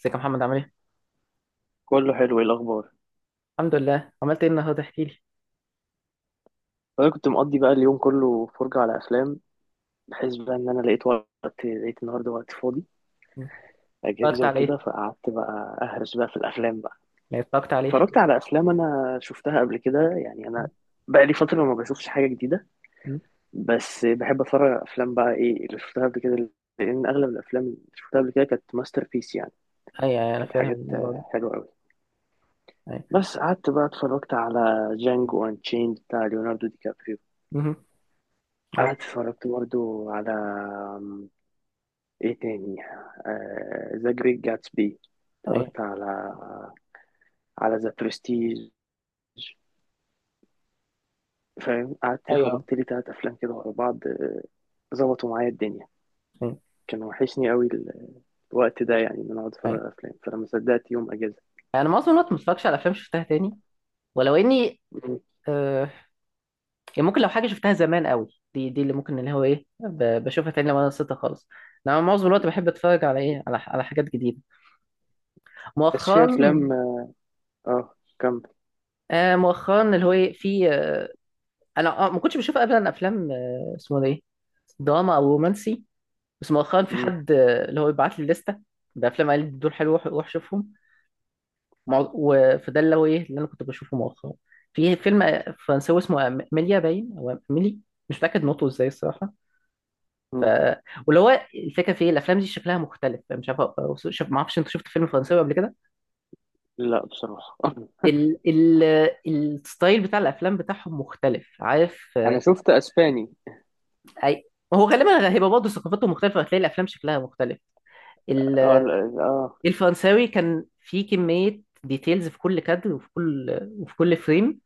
ازيك يا محمد عامل ايه؟ كله حلو. ايه الاخبار؟ الحمد لله. عملت ايه النهارده؟ احكي لي. انا كنت مقضي بقى اليوم كله فرجة على افلام، بحيث بقى ان لقيت وقت، لقيت النهارده وقت فاضي، مم. اتفرجت اجازه على ايه؟ وكده، فقعدت بقى اهرس بقى في الافلام بقى. يعني اتفرجت على ايه؟ احكي اتفرجت على افلام انا شفتها قبل كده، يعني انا لي. بقى لي فتره ما بشوفش حاجه جديده. مم. بس بحب اتفرج على افلام بقى ايه اللي شفتها قبل كده، لان اغلب الافلام اللي شفتها قبل كده كانت ماستر بيس يعني. ايوه، أيوة، انا كانت فاهم حاجات الموضوع ده. حلوه قوي. ايوه، بس قعدت بقى اتفرجت على جانجو انشيند بتاع ليوناردو دي كابريو. مهم. عارف. قعدت اتفرجت برضو على ايه تاني ذا جريت جاتسبي. ايوه، اتفرجت على ذا برستيج، فاهم. قعدت ايوه، خبطت لي تلات افلام كده ورا بعض، ظبطوا معايا الدنيا. ايوه، كان وحشني قوي الوقت ده، يعني ان انا اقعد اتفرج ايوه، على افلام، فلما صدقت يوم اجازه. انا معظم الوقت ما بتفرجش على افلام شفتها تاني، ولو اني مم. آه يعني ممكن، لو حاجه شفتها زمان قوي، دي اللي ممكن، اللي هو ايه، بشوفها تاني لو انا نسيتها خالص. انا معظم الوقت بحب اتفرج على ايه، على حاجات جديده بس مؤخرا. في افلام اه، كمل. مؤخرا، اللي هو ايه، في، انا، ما كنتش بشوف ابدا افلام، اسمه ده ايه، دراما او رومانسي. بس مؤخرا في مم. حد، اللي هو يبعت لي لستة بأفلام، قال لي دول حلوة وروح شوفهم. فده اللي هو إيه اللي أنا كنت بشوفه مؤخرا. في فيلم فرنساوي اسمه أميليا باين، أو أميلي، مش متأكد نطقه إزاي الصراحة. ف مم. واللي هو الفكرة في إيه، الأفلام دي شكلها مختلف، مش عارف. شوف، ما أعرفش، أنت شفت فيلم فرنساوي قبل كده؟ لا بصراحه. ال... ال... الستايل بتاع الأفلام بتاعهم مختلف، عارف، انا شفت اسباني. أي. هو غالبا هيبقى برضه ثقافاتهم مختلفة، هتلاقي الأفلام شكلها مختلف. اه لا، اه. الفرنساوي كان فيه كمية ديتيلز في كل كادر، وفي كل فريم.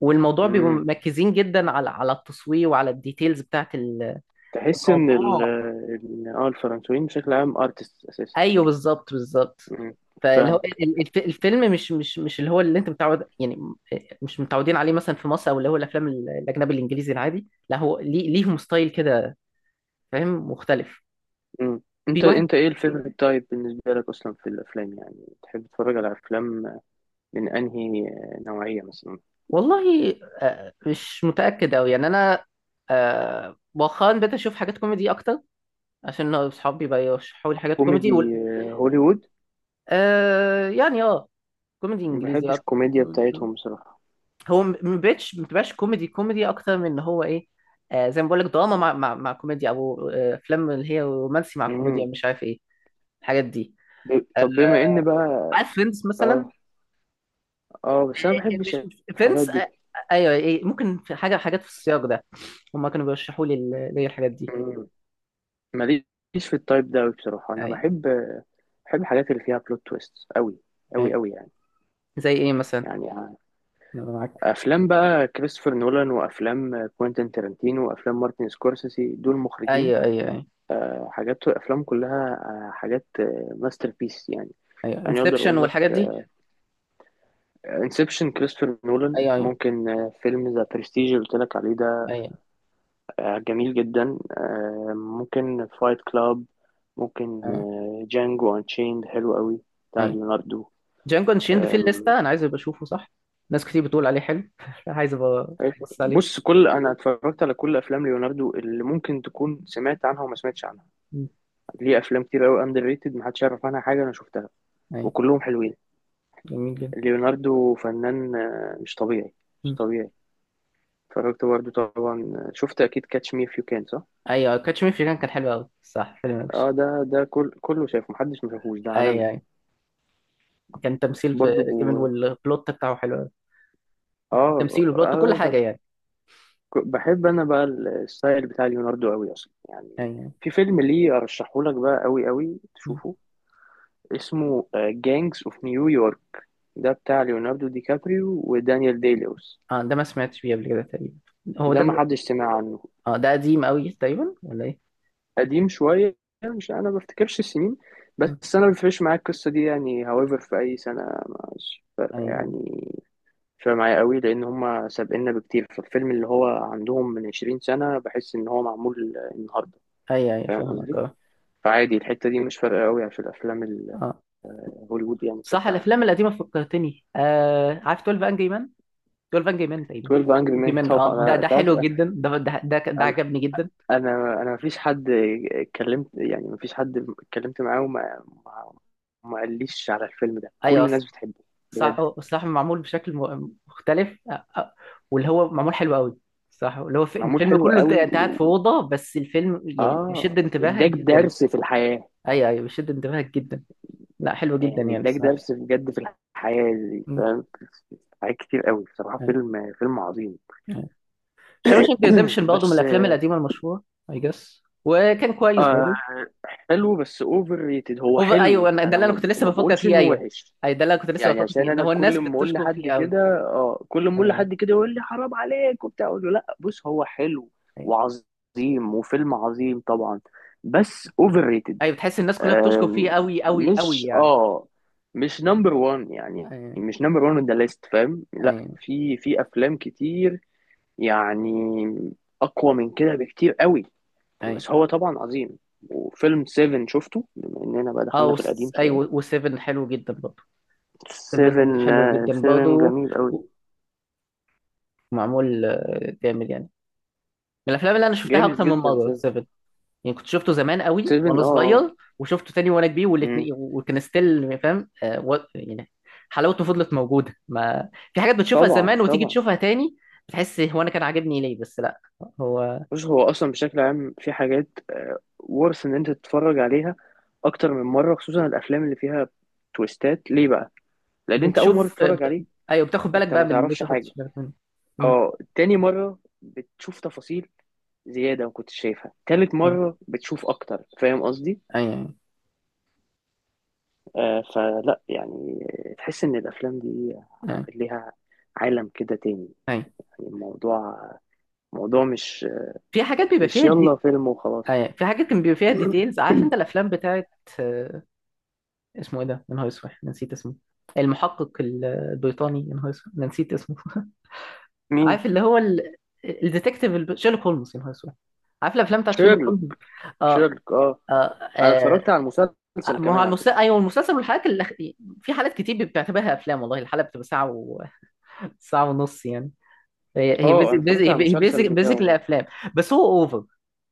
والموضوع بيبقوا مم. مركزين جدا على التصوير، وعلى الديتيلز بتاعت تحس ان الموضوع. الفرنسويين بشكل عام ارتست اساسا. ايوه، بالظبط، بالظبط. مم. فاللي فاهم. هو الفيلم مش اللي هو اللي انت متعود يعني. مش متعودين عليه مثلا في مصر، او اللي هو الافلام الاجنبي الانجليزي العادي. لا، هو ليه، ليهم ستايل كده، فاهم، مختلف. مم. انت، في واحد، ايه الفيفوريت تايب بالنسبه لك اصلا في الافلام؟ يعني تحب تتفرج على افلام من انهي نوعيه مثلا؟ والله، مش متاكد قوي يعني، انا مؤخرا بقيت اشوف حاجات كوميدي اكتر، عشان اصحابي بقى يرشحوا لي حاجات كوميدي. وال... كوميدي، هوليوود. آه يعني، اه، كوميدي ما انجليزي بحبش أكتر. الكوميديا بتاعتهم بصراحه. ما بقتش، ما بتبقاش كوميدي اكتر من ان هو ايه، زي ما بقول لك دراما، مع كوميديا، او افلام اللي هي رومانسي مع كوميديا، مم. مش عارف ايه، الحاجات دي. طب بما ان بقى، عارف فريندز مثلا؟ اه اه بس انا ما بحبش مش الحاجات فريندز، دي. ايوه، ايه، ممكن في حاجه، حاجات في السياق ده هما كانوا بيرشحوا لي، لي الحاجات دي. مم. ماليش في التايب ده أوي بصراحه. انا ايوه، بحب، الحاجات اللي فيها بلوت تويست قوي قوي ايوه، قوي يعني. زي ايه مثلا؟ يعني أنا معاك. افلام بقى كريستوفر نولان وافلام كوينتين تارانتينو وافلام مارتن سكورسيزي، دول مخرجين ايوه، ايوه، ايوه، حاجات، وافلام كلها آه، حاجات ماستر بيس يعني. ايوه، يعني اقدر انسبشن اقول لك والحاجات دي. انسبشن كريستوفر نولان، ايوه، ايوه، ممكن فيلم ذا برستيج اللي قلت لك عليه ده، ايوه. جميل جدا، ممكن فايت كلاب، ممكن أيوة. جانجو انشيند حلو قوي بتاع ايوه، ليوناردو. جانجو شيند في آم، الليسته، انا عايز ابقى اشوفه، صح. ناس كتير بتقول عليه حلو عايز ابقى ابص عليه. بص، انا اتفرجت على كل افلام ليوناردو اللي ممكن تكون سمعت عنها وما سمعتش عنها. مم. ليه افلام كتير قوي اندر ريتد محدش يعرف عنها حاجه، انا شفتها ايوه، وكلهم حلوين. جميل جدا. ليوناردو فنان مش طبيعي، مش مم. طبيعي. اتفرجت برضه طبعا، شفت اكيد كاتش مي اف يو كان، صح. ايوه، كاتش مي في كان، كان حلو قوي، صح، فيلم اه وحش. ده، كله شايفه، محدش ما شافوش ده عالمي. ايوه، ايوه، كان تمثيل في برضه جامد، والبلوت بتاعه حلو قوي. التمثيل والبلوت، كل حاجه اه. يعني. بحب انا بقى الستايل بتاع ليوناردو قوي اصلا يعني. ايوه. في فيلم ليه ارشحه لك بقى قوي قوي مم. تشوفه، اسمه جانجز اوف نيويورك، ده بتاع ليوناردو دي كابريو ودانيال دي لويس. اه، ده ما سمعتش بيه قبل كده تقريبا. هو ده ده ما ب... حدش سمع عنه. اه، ده قديم قوي تقريبا، ولا ايه؟ قديم شوية. مش، أنا ما بفتكرش السنين، مم. بس أنا ما بيفرقش معايا القصة دي يعني however في أي سنة. مش فارقة ايوه، يعني. مش فارقة معايا قوي لأن هما سابقنا بكتير، فالفيلم اللي هو عندهم من 20 سنة بحس إن هو معمول النهاردة. ايوه، ايوه، أيوة، فاهم فاهمك، قصدي؟ اه، فعادي الحتة دي مش فارقة قوي عشان الأفلام اه. الهوليوود يعني صح، بشكل عام. الافلام القديمه فكرتني، عارف 12 انجري جول فان جيمان تقريبا؟ 12 Angry Men. جيمان، طبعا اه، ده أنا، ده أنت عارف، حلو جدا، ده أنا عجبني جدا. أنا مفيش حد اتكلمت، يعني مفيش حد اتكلمت معاه وما ما ما قاليش على الفيلم ده، ايوه، كل اصلا، الناس بتحبه صح، بجد. صح، معمول بشكل مختلف، واللي هو معمول حلو قوي. صح، اللي هو معمول الفيلم حلو كله، انت قوي انت قاعد في و، اوضه بس، الفيلم يعني اه بيشد انتباهك اداك جدا. درس في الحياة. ايوه، ايوه، بيشد انتباهك جدا. لا، حلو جدا يعني يعني اداك الصراحه. درس بجد في الحياة دي، فاهم، حاجات كتير قوي بصراحة، فيلم، فيلم عظيم. شاوشانك ريديمشن برضه من بس الافلام القديمه المشهوره. اي جس، وكان كويس آه، برضه. حلو بس اوفر ريتد. هو اوفر، ايوه، حلو، ده انا اللي انا كنت لسه ما بفكر بقولش فيه. انه ايوه، وحش. اي، ده اللي انا كنت لسه يعني بفكر عشان فيه، ان انا هو الناس كل ما اقول بتشكر لحد فيه كده اه، كل ما اقول قوي. لحد كده يقول لي حرام عليك وبتاع، اقول له لا، بص هو حلو ايوه. وعظيم وفيلم عظيم طبعا، بس اوفر ريتد. ايوه، بتحس الناس كلها بتشكر فيه آم، قوي، قوي، قوي مش يعني. اه، مش نمبر وان يعني، ايوه، مش نمبر وان ذا ليست، فاهم. لا، ايوه، في افلام كتير يعني اقوى من كده بكتير قوي. ايوه. بس هو طبعا عظيم. وفيلم 7 شفته بما اننا بقى اه، دخلنا في القديم شويه. ايوه، و7 حلو جدا برضه. 7 7، حلو جدا 7 برضه، جميل قوي. معمول جامد يعني. من الافلام اللي انا شفتها جامد اكتر من جدا مره 7. 7. يعني كنت شفته زمان قوي 7 وانا اه، آه. صغير، وشفته تاني وانا كبير، مم. والاثنين وكان ستيل فاهم، يعني حلاوته فضلت موجوده. ما في حاجات بتشوفها طبعا زمان وتيجي طبعا. تشوفها تاني، بتحس، هو انا كان عاجبني ليه؟ بس لا. هو بص هو اصلا بشكل عام في حاجات، ورث ان انت تتفرج عليها اكتر من مره، خصوصا الافلام اللي فيها تويستات. ليه بقى؟ لان انت اول مره بتشوف تتفرج بت... عليه ايوه، بتاخد بالك انت بقى ما من اللي انت تعرفش ما خدتش حاجه. بالك منه. مم. اه، تاني مره بتشوف تفاصيل زياده ما كنتش شايفها، تالت ايوه، مره بتشوف اكتر، فاهم قصدي. ايوه، آه، فلا يعني، تحس ان الافلام دي ايوه، ليها عالم كده تاني ايوه. يعني. الموضوع موضوع، مش، في حاجات بيبقى مش فيها يلا دي. فيلم وخلاص. ايوه، في حاجات كان بيبقى فيها ديتيلز، عارف انت الافلام بتاعت، آه، اسمه ايه ده؟ يا نهار اسود، أنا نسيت اسمه. المحقق البريطاني، يا نهار اسود، أنا نسيت اسمه مين؟ عارف اللي هو الديتكتيف، شيرلوك هولمز، يا نهار اسود. عارف الافلام بتاعت شيرلوك شيرلوك، هولمز. اه. شيرلوك اه. اه. انا اتفرجت على المسلسل ما هو كمان على المسلسل، فكره. ايوه، المسلسل والحلقات اللي... في حالات كتير بتعتبرها افلام، والله الحلقه بتبقى ساعه و... ساعه ونص يعني. هي هي اه انا بيزك، بيزك، اتفرجت على هي المسلسل بيزك، بيزك بتاعه. الافلام. بس هو اوفر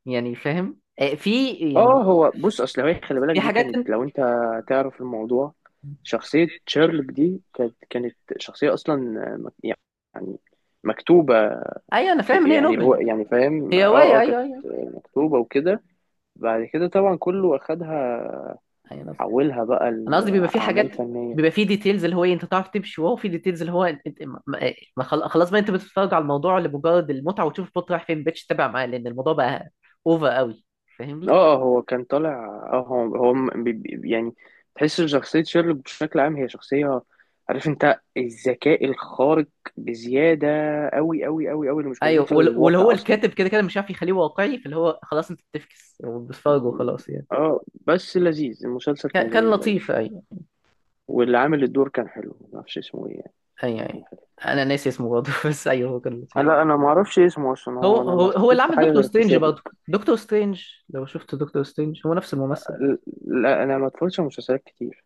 يعني، فاهم، في يعني، اه هو بص اصل هي، خلي في بالك دي حاجات. كانت، لو انت تعرف الموضوع، شخصيه شيرلوك دي كانت شخصيه اصلا، مك- يعني مكتوبه. ايوه، انا فاهم ك- ان هي يعني هو نوبل، يعني فاهم، هي اه روايه. اه، كانت ايوه، ايوه. مكتوبه وكده. بعد كده طبعا كله اخدها، ايوه، انا قصدي، حولها بقى أنا قصدي بيبقى في لاعمال حاجات، فنيه. بيبقى في ديتيلز، اللي هو إيه، انت تعرف تمشي، وهو في ديتيلز اللي هو انت أنت- ما- ما- ما خل- خلاص بقى، انت بتتفرج على الموضوع لمجرد المتعه، وتشوف البوت رايح فين، ما بقتش تتابع معاه، لان الموضوع بقى اوفر قوي، فاهمني. اه اه، هو كان طالع، اه هو يعني تحس ان شخصية شيرلوك بشكل عام هي شخصية، عارف انت، الذكاء الخارق بزيادة أوي أوي أوي أوي اللي مش موجود ايوه، في واللي هو الواقع أصلا. الكاتب كده كده مش عارف يخليه واقعي، فاللي هو خلاص انت بتفكس وبتتفرج وخلاص يعني. اه بس لذيذ المسلسل، كان كان لذيذ أوي. لطيف، ايوه. واللي عامل الدور كان حلو، معرفش اسمه ايه يعني، بس ايوه، هو كان ايوه، حلو. انا ناسي اسمه برضه بس ايوه، هو كان لطيف. لا انا معرفش اسمه اصلا، هو هو انا ما اللي شفتوش في عمل حاجة دكتور غير في سترينج برضه. شيرلوك. دكتور سترينج، لو شفت دكتور سترينج، هو نفس الممثل. لا انا ما اتفرجتش على مسلسلات كتير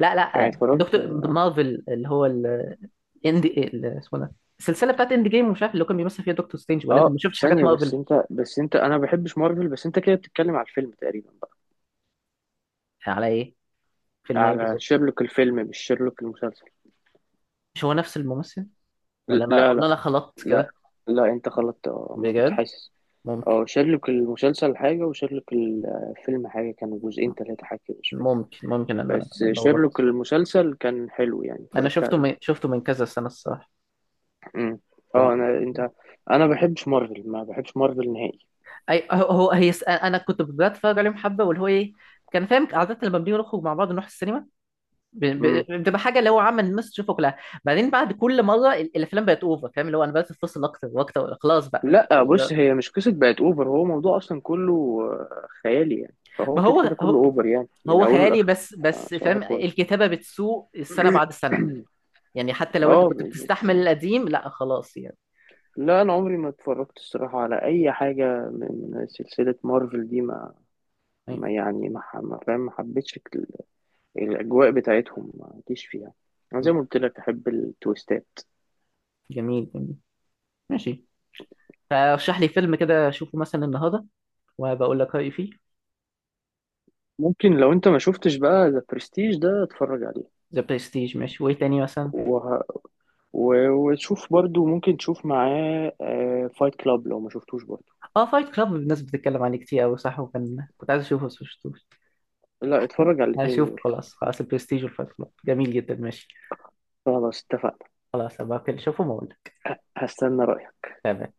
لا، لا، يعني، اتفرجت دكتور مارفل، اللي هو الاندي، اسمه ده، السلسله بتاعت اند جيم، ومش عارف اللي هو كان بيمثل فيها دكتور سترينج، ولا انت اه ما شفتش حاجات ثانية. بس مارفل؟ انت، انا ما بحبش مارفل، بس انت كده بتتكلم على الفيلم تقريبا بقى. على ايه؟ فيلم ايه على بالظبط؟ شيرلوك الفيلم مش شيرلوك المسلسل. مش هو نفس الممثل، ل- ولا انا، لا لا خلطت لا كده؟ لا انت غلطت، اه انا كنت بجد؟ حاسس. ممكن، اه شيرلوك المسلسل حاجة وشيرلوك الفيلم حاجة، كانوا جزئين تلاتة حاجة كده مش فاكر. ممكن. ممكن انا بس شيرلوك لخبطت. المسلسل كان حلو يعني، انا اتفرجت عليه. شفته من كذا سنه الصراحه. امم. ف- اه انا، انت، انا ما بحبش مارفل، ما بحبش مارفل نهائي. اي، انا كنت بتفرج عليهم حبه، واللي هو ايه، كان فاهم، عاده لما بنيجي نخرج مع بعض، نروح السينما، بتبقى حاجه اللي هو عامه الناس تشوفه كلها. بعدين، بعد كل مره الافلام بقت اوفر، فاهم، اللي هو انا بقيت اتفصل اكتر واكتر، خلاص بقى. لا بص هي مش قصة بقت اوفر، هو موضوع اصلا كله خيالي يعني، فهو ما كده هو كده كله هو اوفر يعني من هو اوله خيالي لاخره. بس، بس صباح فاهم الفل. الكتابه بتسوء السنه بعد السنه. يعني حتى لو انت اه كنت بتستحمل بالظبط. القديم، لا خلاص يعني. لا انا عمري ما اتفرجت الصراحة على اي حاجة من سلسلة مارفل دي، أي. ما فاهم، ما حبيتش الاجواء بتاعتهم، ما جيش فيها. انا زي ما قلت لك احب التويستات. جميل، جميل، ماشي. فرشح لي فيلم كده اشوفه مثلا النهارده، وبقول لك رايي فيه. ممكن لو انت ما شفتش بقى ذا برستيج ده، اتفرج عليه. ذا برستيج ماشي، وايه تاني مثلا؟ وه... وشوف برضو، ممكن تشوف معاه فايت كلاب لو ما شفتوش برضو. اه، فايت كلاب، الناس بتتكلم عليه كتير قوي، صح، وكان كنت عايز اشوفه بس مشفتوش. لا، اتفرج على الاتنين هشوف، دول. خلاص، خلاص البرستيج والفايت كلاب، جميل جدا، ماشي. خلاص اتفقنا. خلاص، هبقى كده اشوفهم واقول لك. هستنى رأيك. تمام.